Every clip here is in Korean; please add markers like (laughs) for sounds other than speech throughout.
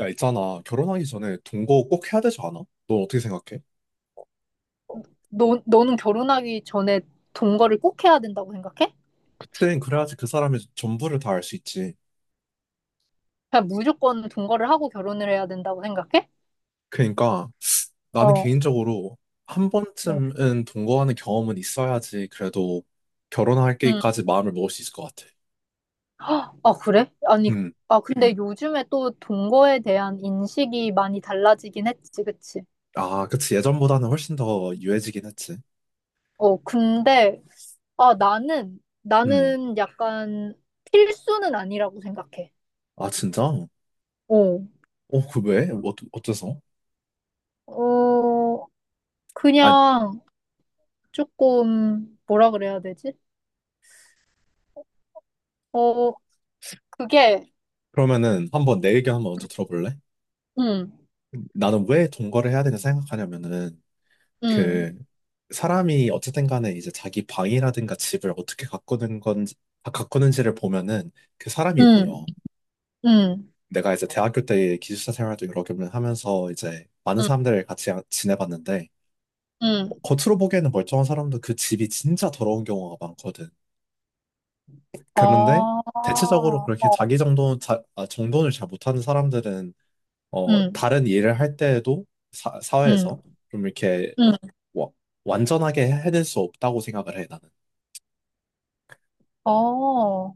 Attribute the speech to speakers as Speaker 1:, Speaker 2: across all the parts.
Speaker 1: 야, 있잖아. 결혼하기 전에 동거 꼭 해야 되지 않아? 넌 어떻게 생각해?
Speaker 2: 너는 결혼하기 전에 동거를 꼭 해야 된다고 생각해?
Speaker 1: 그땐 그래야지 그 사람의 전부를 다 알 수 있지.
Speaker 2: 그냥 무조건 동거를 하고 결혼을 해야 된다고 생각해?
Speaker 1: 그러니까 나는
Speaker 2: 어,
Speaker 1: 개인적으로 한
Speaker 2: 어,
Speaker 1: 번쯤은 동거하는 경험은 있어야지 그래도
Speaker 2: 음.
Speaker 1: 결혼할게까지 마음을 먹을 수 있을 것 같아.
Speaker 2: 아, 그래? 아니,
Speaker 1: 음.
Speaker 2: 아, 근데 요즘에 또 동거에 대한 인식이 많이 달라지긴 했지, 그치?
Speaker 1: 아, 그치. 예전보다는 훨씬 더 유해지긴 했지.
Speaker 2: 어, 근데, 아, 나는,
Speaker 1: 음.
Speaker 2: 나는 약간 필수는 아니라고 생각해.
Speaker 1: 아, 진짜? 어,
Speaker 2: 어,
Speaker 1: 그 왜? 어째서?
Speaker 2: 어,
Speaker 1: 아,
Speaker 2: 그냥 조금, 뭐라 그래야 되지? 어, 그게,
Speaker 1: 그러면은 한번 내 의견 한번 먼저 들어볼래?
Speaker 2: 음,
Speaker 1: 나는 왜 동거를 해야 되냐 생각하냐면은
Speaker 2: 음,
Speaker 1: 그 사람이 어쨌든 간에 이제 자기 방이라든가 집을 어떻게 가꾸는 건지 가꾸는지를 보면은 그 사람이
Speaker 2: 음.
Speaker 1: 보여.
Speaker 2: 음.
Speaker 1: 내가 이제 대학교 때 기숙사 생활도 여러 개 하면서 이제 많은
Speaker 2: 응,
Speaker 1: 사람들을 같이 지내봤는데
Speaker 2: 응.
Speaker 1: 겉으로 보기에는 멀쩡한 사람도 그 집이 진짜 더러운 경우가 많거든.
Speaker 2: 어,
Speaker 1: 그런데 대체적으로 그렇게
Speaker 2: 어,
Speaker 1: 자기 정돈을 잘 못하는 사람들은
Speaker 2: 응,
Speaker 1: 다른 일을 할 때에도
Speaker 2: 응,
Speaker 1: 사회에서 좀 이렇게
Speaker 2: 응.
Speaker 1: 와- 완전하게 해낼 수 없다고 생각을 해 나는.
Speaker 2: 어,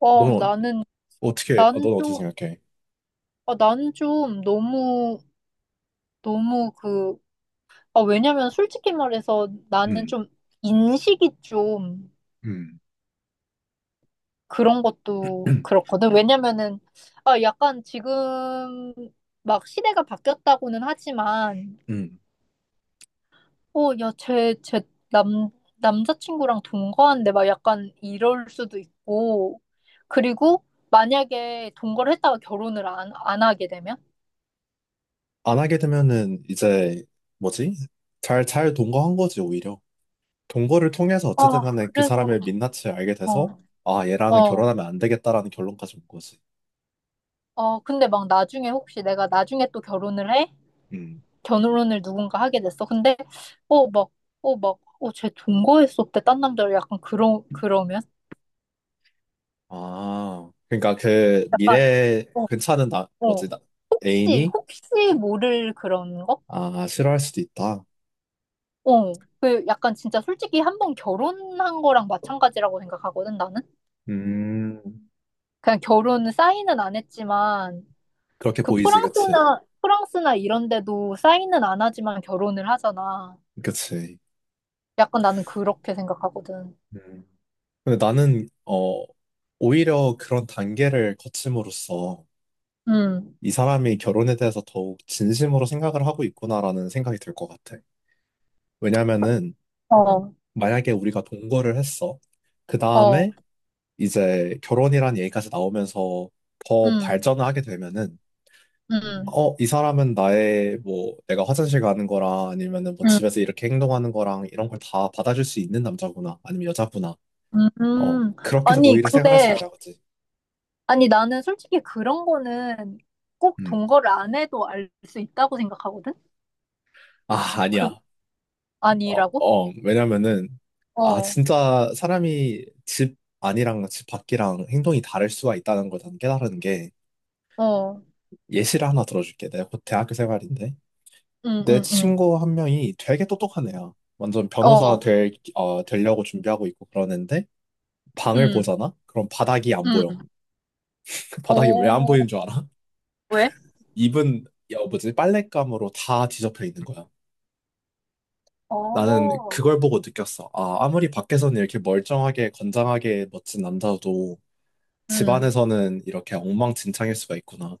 Speaker 2: 어,
Speaker 1: 너
Speaker 2: 나는,
Speaker 1: 어떻게, 어,
Speaker 2: 나는
Speaker 1: 넌 어떻게
Speaker 2: 좀,
Speaker 1: 생각해?
Speaker 2: 아, 나는 좀 너무, 너무 그, 아, 왜냐면 솔직히 말해서 나는
Speaker 1: 음,
Speaker 2: 좀 인식이 좀
Speaker 1: 음,
Speaker 2: 그런 것도
Speaker 1: (clears throat)
Speaker 2: 그렇거든. 왜냐면은, 아, 약간 지금 막 시대가 바뀌었다고는 하지만,
Speaker 1: 음.
Speaker 2: 어, 야, 쟤 남, 남자친구랑 동거한데 막 약간 이럴 수도 있고. 그리고 만약에 동거를 했다가 결혼을 안 하게 되면?
Speaker 1: 안 하게 되면은 이제 뭐지? 잘 동거한 거지, 오히려. 동거를 통해서 어쨌든
Speaker 2: 아,
Speaker 1: 간에 그
Speaker 2: 그래서,
Speaker 1: 사람의 민낯을 알게 돼서,
Speaker 2: 어.
Speaker 1: 아, 얘랑은
Speaker 2: 어,
Speaker 1: 결혼하면 안 되겠다라는 결론까지 온 거지.
Speaker 2: 어, 근데 막 나중에 혹시 내가 나중에 또 결혼을 해?
Speaker 1: 음,
Speaker 2: 결혼을 누군가 하게 됐어. 근데, 어, 막, 어, 막, 어, 쟤 동거했었대. 딴 남자를 약간 그러면?
Speaker 1: 아, 그러니까 그 미래에
Speaker 2: 어,
Speaker 1: 괜찮은 나, 뭐지,
Speaker 2: 어,
Speaker 1: 나,
Speaker 2: 혹시,
Speaker 1: 애인이,
Speaker 2: 혹시 모를 그런 거?
Speaker 1: 아, 싫어할 수도 있다.
Speaker 2: 어, 그 약간 진짜 솔직히 한 번 결혼한 거랑 마찬가지라고 생각하거든, 나는.
Speaker 1: 음,
Speaker 2: 그냥 결혼 사인은 안 했지만,
Speaker 1: 그렇게
Speaker 2: 그
Speaker 1: 보이지, 그치?
Speaker 2: 프랑스나 이런 데도 사인은 안 하지만 결혼을 하잖아.
Speaker 1: 그치.
Speaker 2: 약간 나는 그렇게 생각하거든.
Speaker 1: 근데 나는 오히려 그런 단계를 거침으로써
Speaker 2: 음,
Speaker 1: 이 사람이 결혼에 대해서 더욱 진심으로 생각을 하고 있구나라는 생각이 들 것 같아. 왜냐면은
Speaker 2: 어,
Speaker 1: 만약에 우리가 동거를 했어. 그
Speaker 2: 어,
Speaker 1: 다음에 이제 결혼이란 얘기까지 나오면서 더
Speaker 2: 음,
Speaker 1: 발전을 하게 되면은
Speaker 2: 음,
Speaker 1: 어, 이 사람은 나의 뭐 내가 화장실 가는 거랑 아니면은 뭐 집에서 이렇게 행동하는 거랑 이런 걸 다 받아줄 수 있는 남자구나 아니면 여자구나.
Speaker 2: 음,
Speaker 1: 어,
Speaker 2: 음.
Speaker 1: 그렇게
Speaker 2: 아니,
Speaker 1: 오히려 생각할 수
Speaker 2: 근데,
Speaker 1: 있다, 그지?
Speaker 2: 아니, 나는 솔직히 그런 거는 꼭
Speaker 1: 음.
Speaker 2: 동거를 안 해도 알 수 있다고 생각하거든?
Speaker 1: 아,
Speaker 2: 그,
Speaker 1: 아니야.
Speaker 2: 아니라고?
Speaker 1: 왜냐면은, 아,
Speaker 2: 어,
Speaker 1: 진짜 사람이 집 안이랑 집 밖이랑 행동이 다를 수가 있다는 걸 난 깨달은 게,
Speaker 2: 어.
Speaker 1: 예시를 하나 들어줄게. 내가 곧 대학교 생활인데,
Speaker 2: 응,
Speaker 1: 내
Speaker 2: 응, 응.
Speaker 1: 친구 한 명이 되게 똑똑한 애야. 완전 변호사
Speaker 2: 어,
Speaker 1: 될, 어, 되려고 준비하고 있고 그러는데, 방을
Speaker 2: 응,
Speaker 1: 보잖아? 그럼 바닥이 안 보여.
Speaker 2: 응.
Speaker 1: (laughs) 바닥이 왜 안
Speaker 2: 오,
Speaker 1: 보이는 줄 알아?
Speaker 2: 왜?
Speaker 1: 입은, 야, 뭐지, 빨랫감으로 다 뒤덮여 있는 거야. 나는
Speaker 2: 어,
Speaker 1: 그걸 보고 느꼈어. 아, 아무리 밖에서는 이렇게 멀쩡하게, 건장하게 멋진 남자도
Speaker 2: 응,
Speaker 1: 집안에서는 이렇게 엉망진창일 수가 있구나.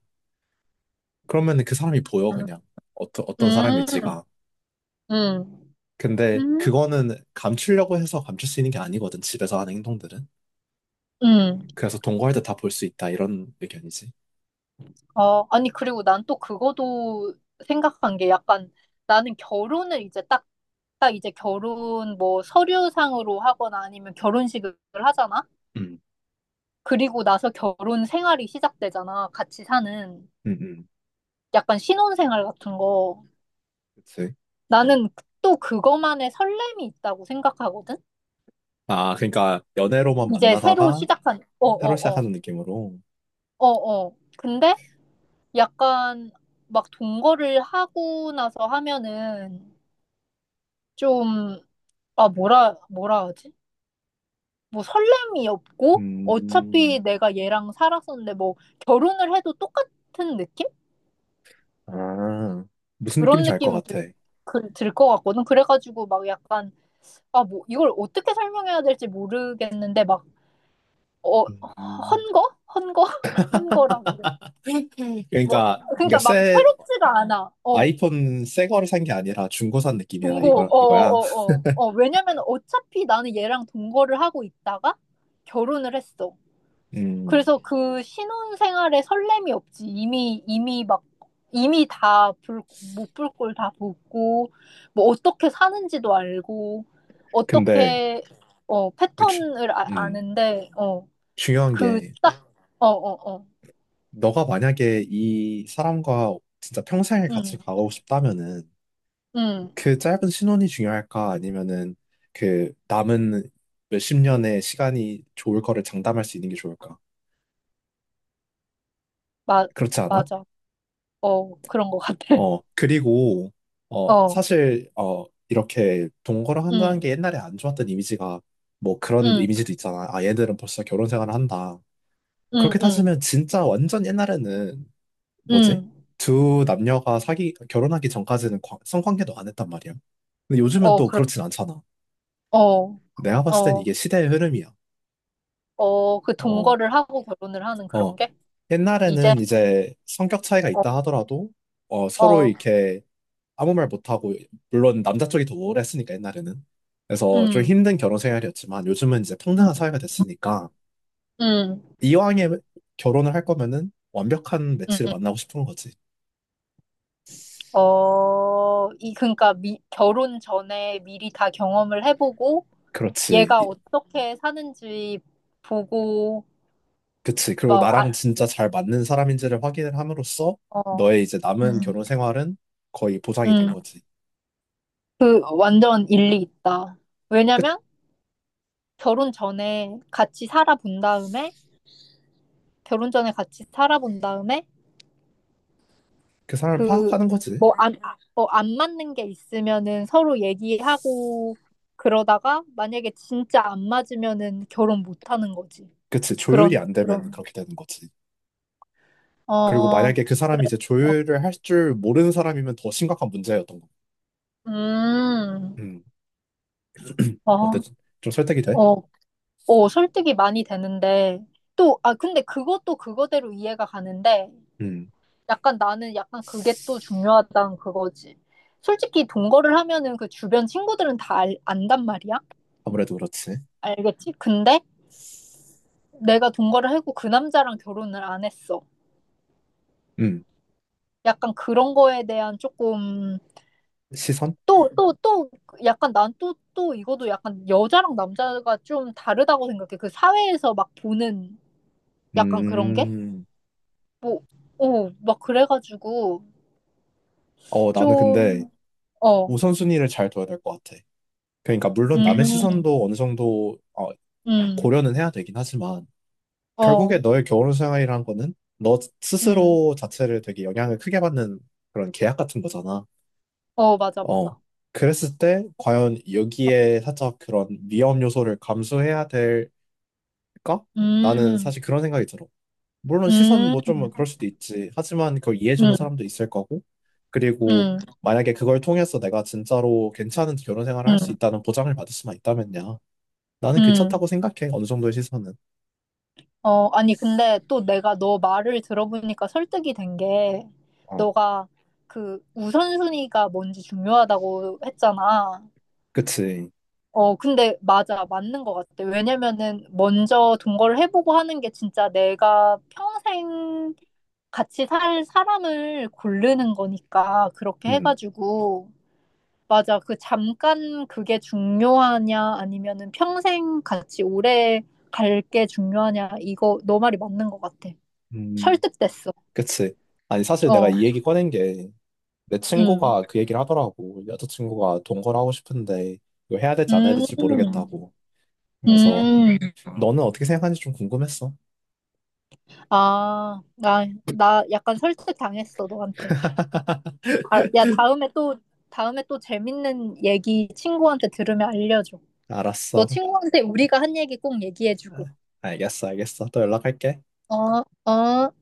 Speaker 1: 그러면 그 사람이 보여,
Speaker 2: 응,
Speaker 1: 그냥. 어떤
Speaker 2: 응,
Speaker 1: 사람일지가.
Speaker 2: 응,
Speaker 1: 근데
Speaker 2: 응.
Speaker 1: 그거는 감추려고 해서 감출 수 있는 게 아니거든, 집에서 하는 행동들은.
Speaker 2: 응.
Speaker 1: 그래서 동거할 때 다 볼 수 있다, 이런 의견이지.
Speaker 2: 어, 아니, 그리고 난 또 그거도 생각한 게 약간 나는 결혼을 이제 딱 이제 결혼 뭐 서류상으로 하거나 아니면 결혼식을 하잖아?
Speaker 1: 음.
Speaker 2: 그리고 나서 결혼 생활이 시작되잖아. 같이 사는.
Speaker 1: 음, 음,
Speaker 2: 약간 신혼생활 같은 거.
Speaker 1: 그치.
Speaker 2: 나는 또 그거만의 설렘이 있다고 생각하거든?
Speaker 1: 아, 그러니까 연애로만
Speaker 2: 이제 새로 아,
Speaker 1: 만나다가
Speaker 2: 시작한, 어,
Speaker 1: 새로
Speaker 2: 어, 어,
Speaker 1: 시작하는 느낌으로.
Speaker 2: 어, 어. 근데 약간 막 동거를 하고 나서 하면은 좀, 아, 뭐라 하지? 뭐 설렘이 없고 어차피
Speaker 1: 음,
Speaker 2: 내가 얘랑 살았었는데 뭐 결혼을 해도 똑같은 느낌?
Speaker 1: 아, 무슨
Speaker 2: 그런
Speaker 1: 느낌인지 알 것
Speaker 2: 느낌이
Speaker 1: 같아.
Speaker 2: 그, 들것 같거든. 그래가지고 막 약간, 아, 뭐 이걸 어떻게 설명해야 될지 모르겠는데 막, 어,
Speaker 1: 음.
Speaker 2: 헌거? 헌거? (laughs) 헌거라고. 뭐,
Speaker 1: 그러니까, 그러니까
Speaker 2: 그러니까 막
Speaker 1: 새
Speaker 2: 새롭지가 않아. 어.
Speaker 1: 아이폰 새 거를 산 게 아니라 중고 산 느낌이야,
Speaker 2: 동거,
Speaker 1: 이거야.
Speaker 2: 어어어어. 어, 어, 어. 어, 왜냐면 어차피 나는 얘랑 동거를 하고 있다가 결혼을 했어.
Speaker 1: 음,
Speaker 2: 그래서 그 신혼 생활에 설렘이 없지. 이미 막, 이미 다 못불꼴다 보고, 뭐 어떻게 사는지도 알고,
Speaker 1: 근데,
Speaker 2: 어떻게, 어,
Speaker 1: 주-
Speaker 2: 패턴을 아,
Speaker 1: 음,
Speaker 2: 아는데, 어,
Speaker 1: 중요한
Speaker 2: 그
Speaker 1: 게,
Speaker 2: 딱, 어, 어, 어.
Speaker 1: 너가 만약에 이 사람과 진짜 평생을
Speaker 2: 응,
Speaker 1: 같이 가고 싶다면은,
Speaker 2: 응.
Speaker 1: 그 짧은 신혼이 중요할까? 아니면은, 그 남은 몇 십 년의 시간이 좋을 거를 장담할 수 있는 게 좋을까?
Speaker 2: 마,
Speaker 1: 그렇지 않아?
Speaker 2: 맞아. 어, 그런 것 같아.
Speaker 1: 어,
Speaker 2: (laughs)
Speaker 1: 그리고,
Speaker 2: 어,
Speaker 1: 사실, 이렇게 동거를 한다는
Speaker 2: 응,
Speaker 1: 게 옛날에 안 좋았던 이미지가, 뭐 그런
Speaker 2: 응,
Speaker 1: 이미지도 있잖아. 아, 얘들은 벌써 결혼 생활을 한다.
Speaker 2: 응,
Speaker 1: 그렇게
Speaker 2: 응,
Speaker 1: 따지면 진짜 완전 옛날에는 뭐지?
Speaker 2: 응.
Speaker 1: 두 남녀가 결혼하기 전까지는 성관계도 안 했단 말이야. 근데 요즘은
Speaker 2: 어,
Speaker 1: 또
Speaker 2: 그런,
Speaker 1: 그렇진 않잖아.
Speaker 2: 어,
Speaker 1: 내가 봤을 땐
Speaker 2: 어,
Speaker 1: 이게 시대의 흐름이야.
Speaker 2: 어, 그
Speaker 1: 어,
Speaker 2: 동거를 하고 결혼을 하는
Speaker 1: 어.
Speaker 2: 그런 게? 이제,
Speaker 1: 옛날에는 이제 성격 차이가
Speaker 2: 어,
Speaker 1: 있다 하더라도, 어, 서로
Speaker 2: 어,
Speaker 1: 이렇게 아무 말 못하고, 물론 남자 쪽이 더 우월했으니까, 옛날에는. 그래서 좀
Speaker 2: 음,
Speaker 1: 힘든 결혼 생활이었지만, 요즘은 이제
Speaker 2: 음,
Speaker 1: 평등한 사회가 됐으니까,
Speaker 2: 음,
Speaker 1: 이왕에 결혼을 할 거면은 완벽한
Speaker 2: 음.
Speaker 1: 매치를 만나고 싶은 거지.
Speaker 2: 어, 이, 그러니까 결혼 전에 미리 다 경험을 해보고,
Speaker 1: 그렇지.
Speaker 2: 얘가 어떻게 사는지 보고,
Speaker 1: 그치. 그리고
Speaker 2: 막,
Speaker 1: 나랑
Speaker 2: 아,
Speaker 1: 진짜 잘 맞는 사람인지를 확인을 함으로써
Speaker 2: 어,
Speaker 1: 너의 이제
Speaker 2: 음,
Speaker 1: 남은 결혼 생활은 거의 보장이 된
Speaker 2: 음,
Speaker 1: 거지.
Speaker 2: 그 완전 일리 있다.
Speaker 1: 끝.
Speaker 2: 왜냐면 결혼 전에 같이 살아본 다음에, 결혼 전에 같이 살아본 다음에,
Speaker 1: 그 사람을
Speaker 2: 그,
Speaker 1: 파악하는 거지.
Speaker 2: 뭐, 안, 아, 어, 안 맞는 게 있으면은 서로 얘기하고 그러다가 만약에 진짜 안 맞으면은 결혼 못 하는 거지.
Speaker 1: 그치. 조율이
Speaker 2: 그런,
Speaker 1: 안 되면
Speaker 2: 그런.
Speaker 1: 그렇게 되는 거지. 그리고
Speaker 2: 어,
Speaker 1: 만약에 그
Speaker 2: 그래.
Speaker 1: 사람이 이제
Speaker 2: 어,
Speaker 1: 조율을 할 줄 모르는 사람이면 더 심각한 문제였던 거.
Speaker 2: 음,
Speaker 1: 음. 어때?
Speaker 2: 어,
Speaker 1: 좀 설득이 돼?
Speaker 2: 어, 어, 설득이 많이 되는데. 또, 아, 근데 그것도 그거대로 이해가 가는데
Speaker 1: 음.
Speaker 2: 약간 나는 약간 그게 또 중요하다는 그거지. 솔직히 동거를 하면은 그 주변 친구들은 다 안단 말이야.
Speaker 1: 아무래도 그렇지.
Speaker 2: 알겠지? 근데 내가 동거를 하고 그 남자랑 결혼을 안 했어.
Speaker 1: 음.
Speaker 2: 약간 그런 거에 대한 조금
Speaker 1: 시선?
Speaker 2: 또, 또, 또, 약간 난 또 이것도 약간 여자랑 남자가 좀 다르다고 생각해. 그 사회에서 막 보는 약간 그런 게?
Speaker 1: 음.
Speaker 2: 뭐, 어, 막 그래가지고
Speaker 1: 어, 나는 근데
Speaker 2: 좀, 어,
Speaker 1: 우선순위를 잘 둬야 될 것 같아. 그러니까 물론 남의
Speaker 2: 음,
Speaker 1: 시선도 어느 정도
Speaker 2: 음,
Speaker 1: 고려는 해야 되긴 하지만 결국에
Speaker 2: 어,
Speaker 1: 너의 결혼 생활이란 거는 너
Speaker 2: 음,
Speaker 1: 스스로 자체를 되게 영향을 크게 받는 그런 계약 같은 거잖아.
Speaker 2: 어, 맞아,
Speaker 1: 어.
Speaker 2: 맞아.
Speaker 1: 그랬을 때 과연 여기에 살짝 그런 위험 요소를 감수해야 될까? 나는
Speaker 2: 음,
Speaker 1: 사실 그런 생각이 들어. 물론 시선
Speaker 2: 음,
Speaker 1: 뭐 좀 그럴 수도 있지. 하지만 그걸 이해해주는
Speaker 2: 음,
Speaker 1: 사람도 있을 거고. 그리고
Speaker 2: 음,
Speaker 1: 만약에 그걸 통해서 내가 진짜로 괜찮은 결혼 생활을
Speaker 2: 음,
Speaker 1: 할 수
Speaker 2: 음.
Speaker 1: 있다는 보장을 받을 수만 있다면야. 나는
Speaker 2: 음.
Speaker 1: 괜찮다고 생각해. 어느 정도의 시선은.
Speaker 2: 어, 아니, 근데 또 내가 너 말을 들어보니까 설득이 된 게,
Speaker 1: 어.
Speaker 2: 너가 그 우선순위가 뭔지 중요하다고 했잖아.
Speaker 1: 그치.
Speaker 2: 어, 근데 맞아, 맞는 것 같아. 왜냐면은 먼저 동거를 해보고 하는 게 진짜 내가 평생 같이 살 사람을 고르는 거니까, 그렇게
Speaker 1: 음.
Speaker 2: 해가지고. 맞아, 그 잠깐 그게 중요하냐, 아니면은 평생 같이 오래 갈 게 중요하냐, 이거 너 말이 맞는 것 같아.
Speaker 1: 음.
Speaker 2: 설득됐어.
Speaker 1: 그치. 아니, 사실 내가
Speaker 2: 어,
Speaker 1: 이 얘기 꺼낸 게 내
Speaker 2: 음,
Speaker 1: 친구가 그 얘기를 하더라고. 여자친구가 동거를 하고 싶은데 이거 해야 될지 안 해야
Speaker 2: 음,
Speaker 1: 될지 모르겠다고. 그래서
Speaker 2: 음.
Speaker 1: 너는 어떻게 생각하는지 좀 궁금했어.
Speaker 2: 아, 나 약간 설득당했어, 너한테.
Speaker 1: (laughs)
Speaker 2: 아, 야, 다음에 또 재밌는 얘기 친구한테 들으면 알려줘. 너
Speaker 1: 알았어.
Speaker 2: 친구한테 우리가 한 얘기 꼭 얘기해주고.
Speaker 1: 알겠어, 알겠어. 또 연락할게.
Speaker 2: 어, 어.